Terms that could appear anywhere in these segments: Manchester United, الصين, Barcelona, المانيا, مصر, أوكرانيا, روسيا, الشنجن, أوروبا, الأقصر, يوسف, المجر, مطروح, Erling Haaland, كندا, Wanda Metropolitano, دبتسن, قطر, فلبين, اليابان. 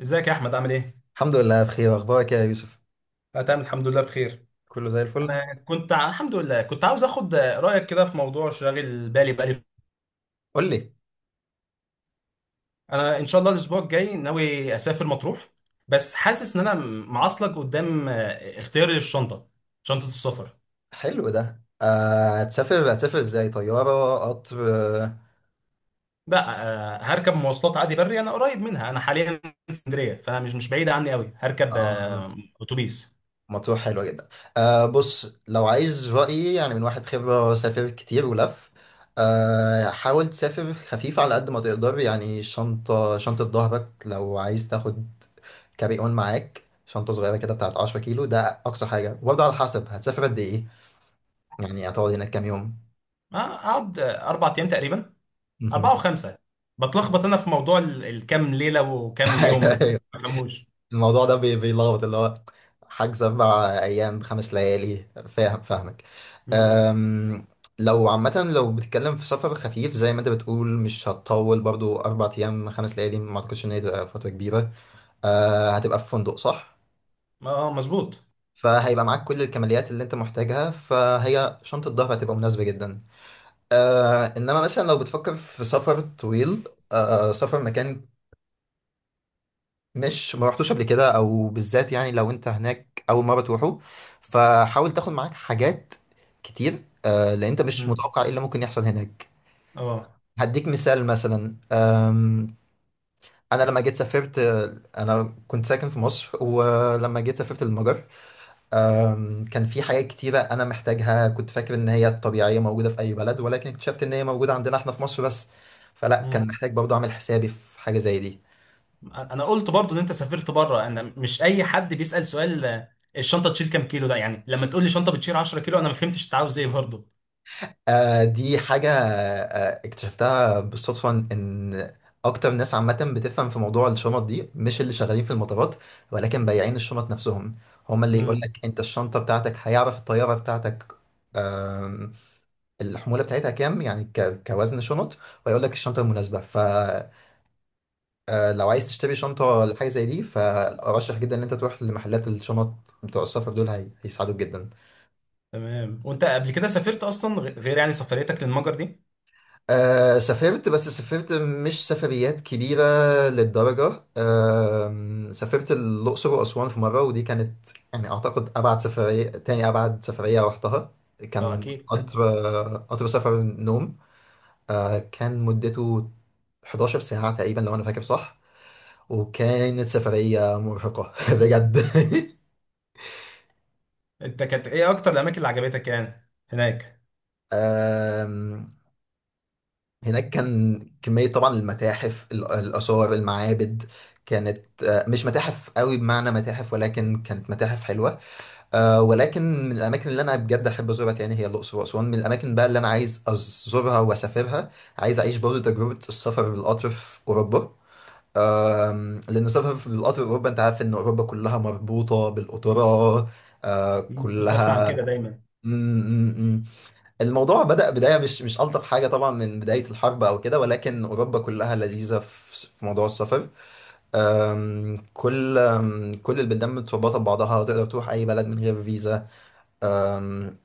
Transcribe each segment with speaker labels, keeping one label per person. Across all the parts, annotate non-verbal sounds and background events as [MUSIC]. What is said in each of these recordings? Speaker 1: ازيك يا احمد عامل ايه؟
Speaker 2: الحمد لله بخير. اخبارك يا يوسف؟
Speaker 1: أنا تمام الحمد لله بخير.
Speaker 2: كله زي الفل.
Speaker 1: الحمد لله كنت عاوز اخد رايك كده في موضوع شاغل بالي بقالي.
Speaker 2: قول لي.
Speaker 1: انا ان شاء الله الاسبوع الجاي ناوي اسافر مطروح، بس حاسس ان معصلك قدام. اختياري للشنطه، شنطه السفر.
Speaker 2: حلو ده. هتسافر ازاي؟ طياره؟ قطر؟ آه.
Speaker 1: لا. هركب مواصلات عادي بري، انا قريب منها، انا حاليا في اسكندريه فمش مش بعيده عني قوي. هركب
Speaker 2: آه،
Speaker 1: اتوبيس.
Speaker 2: مطروح حلوه جدا. آه، بص لو عايز رايي، يعني من واحد خبره سافر كتير ولف، آه حاول تسافر خفيف على قد ما تقدر. يعني شنطه ظهرك، لو عايز تاخد كاري اون معاك شنطه صغيره كده بتاعت 10 كيلو ده اقصى حاجه. وبرضه على حسب هتسافر قد ايه، يعني هتقعد هناك كام يوم؟
Speaker 1: اقعد اربع ايام تقريبا، اربعه وخمسه. بتلخبط انا في موضوع الكام ليله وكام يوم ده،
Speaker 2: [LAUGHS]
Speaker 1: ما بفهموش.
Speaker 2: الموضوع ده بيلخبط، اللي هو حجز أربع أيام بخمس ليالي. فاهم؟ فاهمك. أم، لو عامة لو بتتكلم في سفر خفيف زي ما أنت بتقول، مش هتطول برضو. أربع أيام خمس ليالي ما أعتقدش إن هي تبقى فترة كبيرة. أه، هتبقى في فندق صح؟
Speaker 1: اه مظبوط.
Speaker 2: فهيبقى معاك كل الكماليات اللي أنت محتاجها، فهي شنطة الظهر هتبقى مناسبة جدا. أه، إنما مثلا لو بتفكر في سفر طويل، أه، سفر مكان مش ما رحتوش قبل كده، او بالذات يعني لو انت هناك اول مره تروحوا، فحاول تاخد معاك حاجات كتير. لان انت مش
Speaker 1: مم.
Speaker 2: متوقع ايه اللي ممكن يحصل هناك.
Speaker 1: اه.
Speaker 2: هديك مثال مثلا. انا لما جيت سافرت، آه، انا كنت ساكن في مصر ولما جيت سافرت المجر، كان في حاجات كتيره انا محتاجها، كنت فاكر ان هي طبيعيه موجوده في اي بلد، ولكن اكتشفت ان هي موجوده عندنا احنا في مصر بس. فلا كان
Speaker 1: مم.
Speaker 2: محتاج برضه اعمل حسابي في حاجه زي دي.
Speaker 1: انا قلت برضو ان انت سافرت بره، انا مش اي حد بيسأل سؤال. الشنطه تشيل كام كيلو ده؟ يعني لما تقول لي شنطه بتشيل 10 كيلو انا ما فهمتش انت عاوز ايه برضو.
Speaker 2: آه دي حاجة آه اكتشفتها بالصدفة، إن أكتر ناس عامة بتفهم في موضوع الشنط دي مش اللي شغالين في المطارات، ولكن بياعين الشنط نفسهم، هما اللي يقول
Speaker 1: مم.
Speaker 2: لك أنت الشنطة بتاعتك، هيعرف الطيارة بتاعتك، آم، الحمولة بتاعتها كام، يعني كوزن شنط، ويقول لك الشنطة المناسبة. فلو عايز تشتري شنطة لحاجة زي دي، فأرشح جدا إن أنت تروح لمحلات الشنط بتوع السفر دول، هيساعدوك جدا.
Speaker 1: تمام، وانت قبل كده سافرت اصلا غير يعني سفريتك للمجر دي؟
Speaker 2: آه سافرت، بس سافرت مش سفريات كبيرة للدرجة. آه سافرت الأقصر وأسوان في مرة، ودي كانت يعني أعتقد أبعد سفرية. تاني أبعد سفرية رحتها
Speaker 1: اه
Speaker 2: كان
Speaker 1: اكيد
Speaker 2: قطر.
Speaker 1: [LAUGHS]
Speaker 2: قطر سفر نوم، آه كان مدته 11 ساعة تقريبا لو أنا فاكر صح، وكانت سفرية مرهقة [LAUGHS] بجد.
Speaker 1: انت كانت ايه اكتر الاماكن اللي عجبتك يعني هناك؟
Speaker 2: آه، هناك كان كمية طبعا المتاحف، الآثار، المعابد، كانت آه، مش متاحف قوي بمعنى متاحف، ولكن كانت متاحف حلوة. آه، ولكن من الأماكن اللي أنا بجد أحب أزورها تاني هي الأقصر وأسوان. من الأماكن بقى اللي أنا عايز أزورها وأسافرها، عايز أعيش برضه تجربة السفر بالقطر في أوروبا. لأن السفر في بالقطر في أوروبا، أنت عارف إن أوروبا كلها مربوطة بالقطورة، آه،
Speaker 1: مم. كنت اسمع عن
Speaker 2: كلها.
Speaker 1: كده دايما.
Speaker 2: الموضوع بدأ بداية مش ألطف حاجة طبعا، من بداية الحرب أو كده، ولكن أوروبا كلها لذيذة في في موضوع السفر. أم، كل أم، كل البلدان متربطة ببعضها، وتقدر تروح أي بلد من غير فيزا. أم،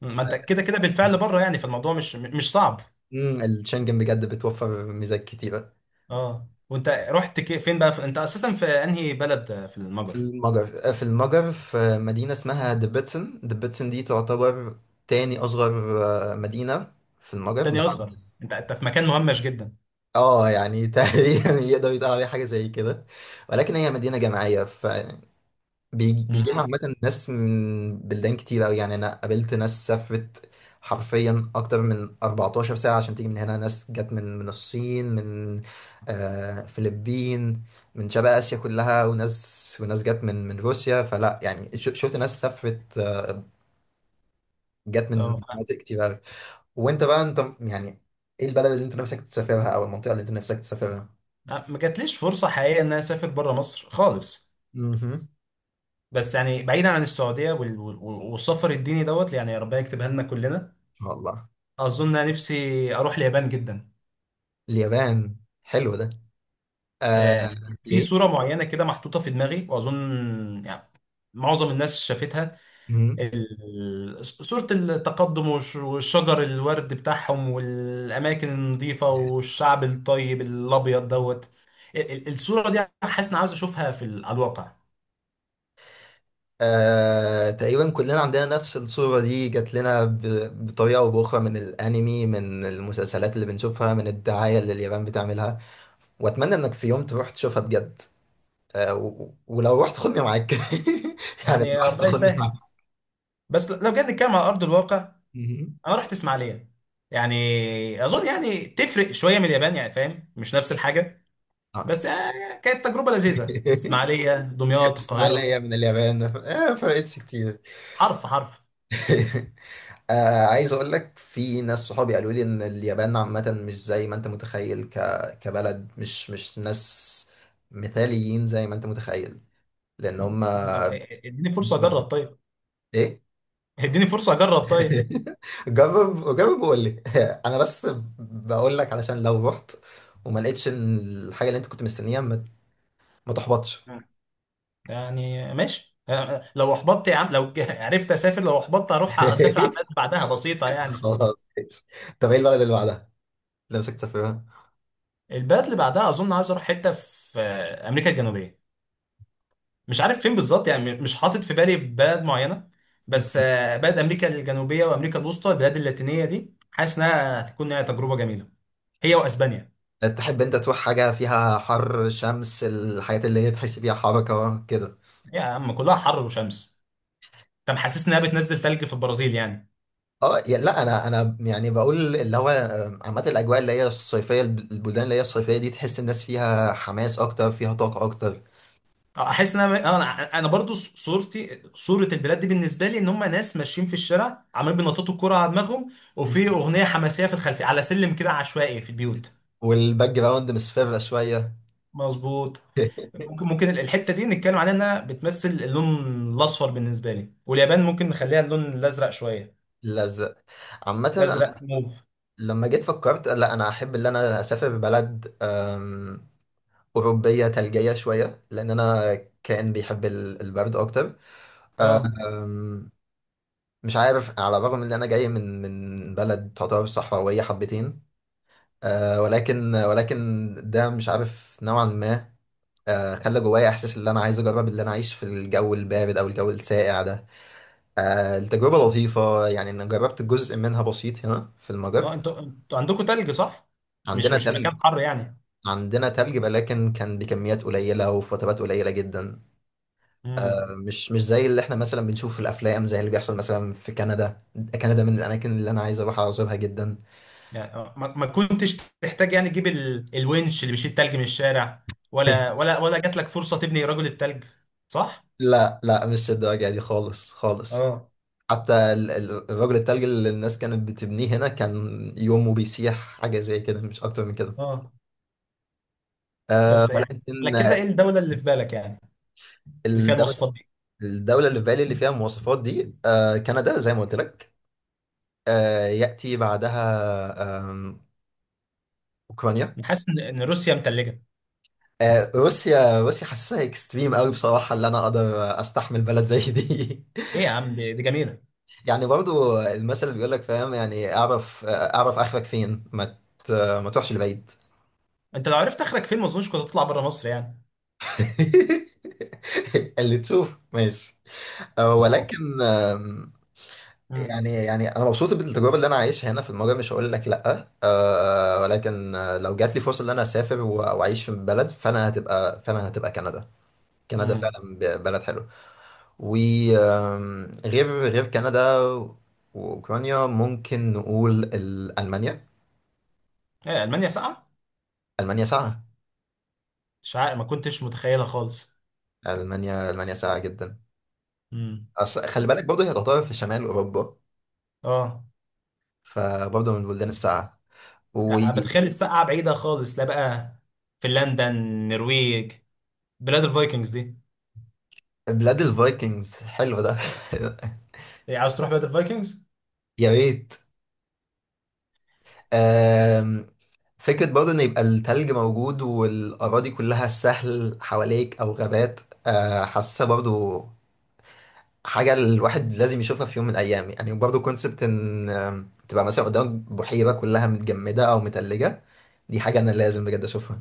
Speaker 1: مم. ما انت
Speaker 2: ف-
Speaker 1: كده كده بالفعل بره يعني، فالموضوع مش صعب.
Speaker 2: مم، الشنجن بجد بتوفر ميزات كتيرة.
Speaker 1: اه، وانت رحت فين بقى في... انت اساسا في انهي بلد؟ في
Speaker 2: في
Speaker 1: المجر.
Speaker 2: المجر، آه، في المجر في مدينة اسمها دبتسن. دبتسن دي تعتبر تاني أصغر آه، مدينة في المجر
Speaker 1: تاني اصغر؟ انت في مكان مهمش جدا.
Speaker 2: اه يعني تقريبا. [LAUGHS] يقدر يتقال عليها حاجة زي كده، ولكن هي مدينة جامعية، ف بيجي
Speaker 1: مم.
Speaker 2: بيجي لها عامة ناس من بلدان كتير أوي. يعني أنا قابلت ناس سافرت حرفيا أكتر من 14 ساعة عشان تيجي من هنا. ناس جت من الصين، من آه فلبين، من شرق آسيا كلها، وناس، وناس جت من روسيا. فلا يعني شفت ناس سافرت، آه، جت
Speaker 1: اه،
Speaker 2: من مناطق كتير أوي. وأنت بقى أنت يعني إيه البلد اللي أنت نفسك تسافرها، أو المنطقة اللي أنت نفسك تسافرها؟
Speaker 1: ما جاتليش فرصه حقيقيه ان انا اسافر بره مصر خالص،
Speaker 2: مهم.
Speaker 1: بس يعني بعيدا عن السعوديه والسفر الديني دوت، يعني يا ربنا يكتبها لنا كلنا.
Speaker 2: والله.
Speaker 1: اظن انا نفسي اروح اليابان جدا.
Speaker 2: اليابان؟ حلو ده. آه،
Speaker 1: آه، في
Speaker 2: ليه؟
Speaker 1: صوره معينه كده محطوطه في دماغي، واظن يعني معظم الناس شافتها. صورة التقدم والشجر الورد بتاعهم والأماكن النظيفة والشعب الطيب الأبيض دوت. الصورة دي حاسس إني عاوز أشوفها في على الواقع.
Speaker 2: آه، تقريبا كلنا عندنا نفس الصورة دي. جات لنا بطريقة أو بأخرى، من الأنمي، من المسلسلات اللي بنشوفها، من الدعاية اللي اليابان بتعملها. وأتمنى إنك في يوم تروح تشوفها بجد. آه، ولو رحت خدني معاك [LAUGHS] يعني
Speaker 1: يعني
Speaker 2: لو رحت
Speaker 1: ربنا
Speaker 2: خدني معاك.
Speaker 1: يسهل. بس لو جيت نتكلم على أرض الواقع،
Speaker 2: مهم.
Speaker 1: أنا رحت إسماعيلية، يعني أظن يعني تفرق شوية من اليابان يعني، فاهم، مش نفس الحاجة.
Speaker 2: آه.
Speaker 1: بس كانت تجربة لذيذة، إسماعيلية
Speaker 2: [LAUGHS]
Speaker 1: دمياط
Speaker 2: اسمع،
Speaker 1: القاهرة.
Speaker 2: ليا من اليابان ما فرقتش كتير.
Speaker 1: حرف حرف.
Speaker 2: [LAUGHS] آه عايز اقول لك، في ناس صحابي قالوا لي ان اليابان عامة مش زي ما انت متخيل ك... كبلد، مش ناس مثاليين زي ما انت متخيل، لان هم
Speaker 1: طب اديني
Speaker 2: مش
Speaker 1: فرصة أجرب
Speaker 2: بعمل.
Speaker 1: طيب،
Speaker 2: ايه؟
Speaker 1: اديني فرصة أجرب طيب.
Speaker 2: [LAUGHS] جرب، جرب وقول لي. [LAUGHS] انا بس بقول لك علشان لو رحت وما لقيتش إن الحاجة اللي انت كنت مستنيها، ما تحبطش.
Speaker 1: يعني ماشي. لو احبطت يا عم لو [LAUGHS] عرفت اسافر، لو احبطت اروح اسافر على
Speaker 2: [LAUGHS]
Speaker 1: البلد اللي بعدها، بسيطه يعني.
Speaker 2: خلاص ماشي. طب ايه البلد اللي بعدها اللي نفسك تسافرها؟
Speaker 1: البلد اللي بعدها اظن عايز اروح حته في امريكا الجنوبيه، مش عارف فين بالظبط يعني، مش حاطط في بالي بلد معينه. بس بلد امريكا الجنوبيه وامريكا الوسطى، البلاد اللاتينيه دي حاسس انها هتكون هي تجربه جميله، هي واسبانيا.
Speaker 2: تحب انت تروح حاجة فيها حر شمس، الحاجات اللي هي تحس فيها حركة كده؟
Speaker 1: يا عم كلها حر وشمس، انت محسسني انها بتنزل ثلج في البرازيل يعني.
Speaker 2: اه يا- لا، انا يعني بقول اللي هو آه، عامة الاجواء اللي هي الصيفية، البلدان اللي هي الصيفية دي، تحس الناس فيها حماس اكتر، فيها طاقة اكتر.
Speaker 1: احس ان انا انا أنا برضو صورتي صوره البلاد دي بالنسبه لي ان هم ناس ماشيين في الشارع عمالين بينططوا الكوره على دماغهم، وفي اغنيه حماسيه في الخلفيه على سلم كده عشوائي في البيوت.
Speaker 2: والباك جراوند مصفرة شوية.
Speaker 1: مظبوط.
Speaker 2: [LAUGHS]
Speaker 1: ممكن الحته دي نتكلم عليها انها بتمثل اللون الاصفر بالنسبه لي، واليابان ممكن نخليها اللون الازرق شويه.
Speaker 2: الازرق. عامة أنا
Speaker 1: الازرق موف.
Speaker 2: لما جيت فكرت لا، انا احب ان انا اسافر بلد اوروبية ثلجية شوية، لان انا كائن بيحب البرد اكتر.
Speaker 1: اه.
Speaker 2: مش عارف، على الرغم ان انا جاي من بلد تعتبر صحراويه حبتين، آه، ولكن ده مش عارف، نوعا ما آه خلى جوايا احساس ان انا عايز اجرب اللي انا اعيش في الجو البارد او الجو الساقع ده. آه التجربه لطيفه، يعني انا جربت جزء منها بسيط هنا في المجر.
Speaker 1: اه انتوا عندكم تلج صح؟ مش
Speaker 2: عندنا
Speaker 1: مش
Speaker 2: تلج.
Speaker 1: مكان حر يعني.
Speaker 2: عندنا تلج، ولكن كان بكميات قليله وفي فترات قليله جدا.
Speaker 1: امم.
Speaker 2: آه مش زي اللي احنا مثلا بنشوفه في الافلام، زي اللي بيحصل مثلا في كندا. كندا من الاماكن اللي انا عايز اروح ازورها جدا.
Speaker 1: يعني ما كنتش تحتاج يعني تجيب الونش اللي بيشيل التلج من الشارع، ولا
Speaker 2: [LAUGHS]
Speaker 1: ولا ولا جات لك فرصة تبني رجل التلج، صح؟
Speaker 2: لا لا، مش الدواجع دي خالص خالص.
Speaker 1: اه.
Speaker 2: حتى الرجل التلج اللي الناس كانت بتبنيه هنا كان يومه بيسيح. حاجة زي كده مش أكتر من كده.
Speaker 1: اه
Speaker 2: أه
Speaker 1: بس يعني،
Speaker 2: ولكن.
Speaker 1: على كده ايه الدولة اللي في بالك يعني، اللي فيها
Speaker 2: الدولة,
Speaker 1: المواصفات دي؟
Speaker 2: الدولة اللي في بالي اللي فيها المواصفات دي أه كندا زي ما قلت لك. أه يأتي بعدها أوكرانيا.
Speaker 1: أنا حاسس ان إن روسيا متلجة.
Speaker 2: أه روسيا. روسيا حاسسها اكستريم قوي بصراحة، اللي أنا أقدر أستحمل بلد زي دي.
Speaker 1: ايه يا عم دي دي جميلة.
Speaker 2: [LAUGHS] يعني برضو المثل اللي بيقول لك، فاهم؟ يعني أعرف آه، أعرف آخرك فين، ما ما تروحش لبعيد.
Speaker 1: انت لو عرفت اخرك فين ما اظنش كنت هتطلع بره مصر يعني.
Speaker 2: [LAUGHS] اللي تشوف ماشي. أه، ولكن
Speaker 1: امم.
Speaker 2: يعني، يعني انا مبسوط بالتجربه اللي انا عايشها هنا في المجر، مش هقول لك لا أه، ولكن آه، لو جات لي فرصه ان انا اسافر واعيش في بلد، فانا هتبقى كندا. كندا
Speaker 1: امم.
Speaker 2: فعلا بلد حلو. وغير غير كندا واوكرانيا ممكن نقول المانيا.
Speaker 1: ايه، المانيا ساقعة؟
Speaker 2: المانيا ساعه.
Speaker 1: مش عارف، ما كنتش متخيلها خالص.
Speaker 2: المانيا، ساعه جدا.
Speaker 1: امم.
Speaker 2: أصل خلي
Speaker 1: كنت،
Speaker 2: بالك برضه هي تعتبر في شمال اوروبا،
Speaker 1: اه.
Speaker 2: فبرضه من البلدان الساعه،
Speaker 1: أنا
Speaker 2: وبلاد
Speaker 1: بتخيل الساقعة بعيدة خالص، لا بقى، فنلندا النرويج، بلاد الفايكنجز دي.
Speaker 2: الفايكنجز. حلو ده.
Speaker 1: إيه، عاوز تروح بلاد الفايكنجز؟
Speaker 2: [LAUGHS] يا ريت. آم، فكرة برضه إن يبقى التلج موجود والأراضي كلها سهل حواليك أو غابات، آه، حاسة برضه حاجة الواحد لازم يشوفها في يوم من الأيام. يعني برضه كونسبت إن تبقى مثلا قدامك بحيرة كلها متجمدة أو متلجة، دي حاجة أنا لازم بجد أشوفها.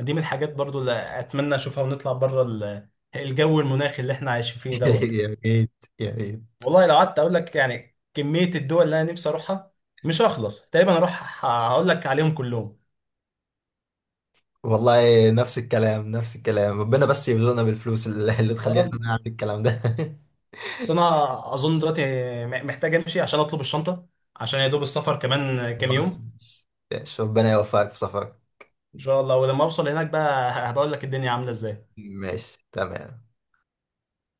Speaker 1: دي من الحاجات برضو اللي اتمنى اشوفها ونطلع بره الجو المناخي اللي احنا عايشين فيه
Speaker 2: [LAUGHS]
Speaker 1: دوت.
Speaker 2: يا ريت. يا ريت.
Speaker 1: والله لو قعدت اقول لك يعني كمية الدول اللي انا نفسي اروحها مش هخلص، تقريبا اروح هقول لك عليهم كلهم.
Speaker 2: والله نفس الكلام، نفس الكلام. ربنا بس يرزقنا بالفلوس اللي
Speaker 1: يا
Speaker 2: تخلينا
Speaker 1: رب.
Speaker 2: نعمل الكلام ده. [LAUGHS]
Speaker 1: بس انا اظن دلوقتي محتاج امشي عشان اطلب الشنطة، عشان يا دوب السفر كمان كام
Speaker 2: خلاص
Speaker 1: يوم.
Speaker 2: ماشي. شوف ربنا يوفقك في سفرك.
Speaker 1: ان شاء الله، ولما اوصل هناك بقى هبقول لك الدنيا عاملة ازاي.
Speaker 2: ماشي تمام.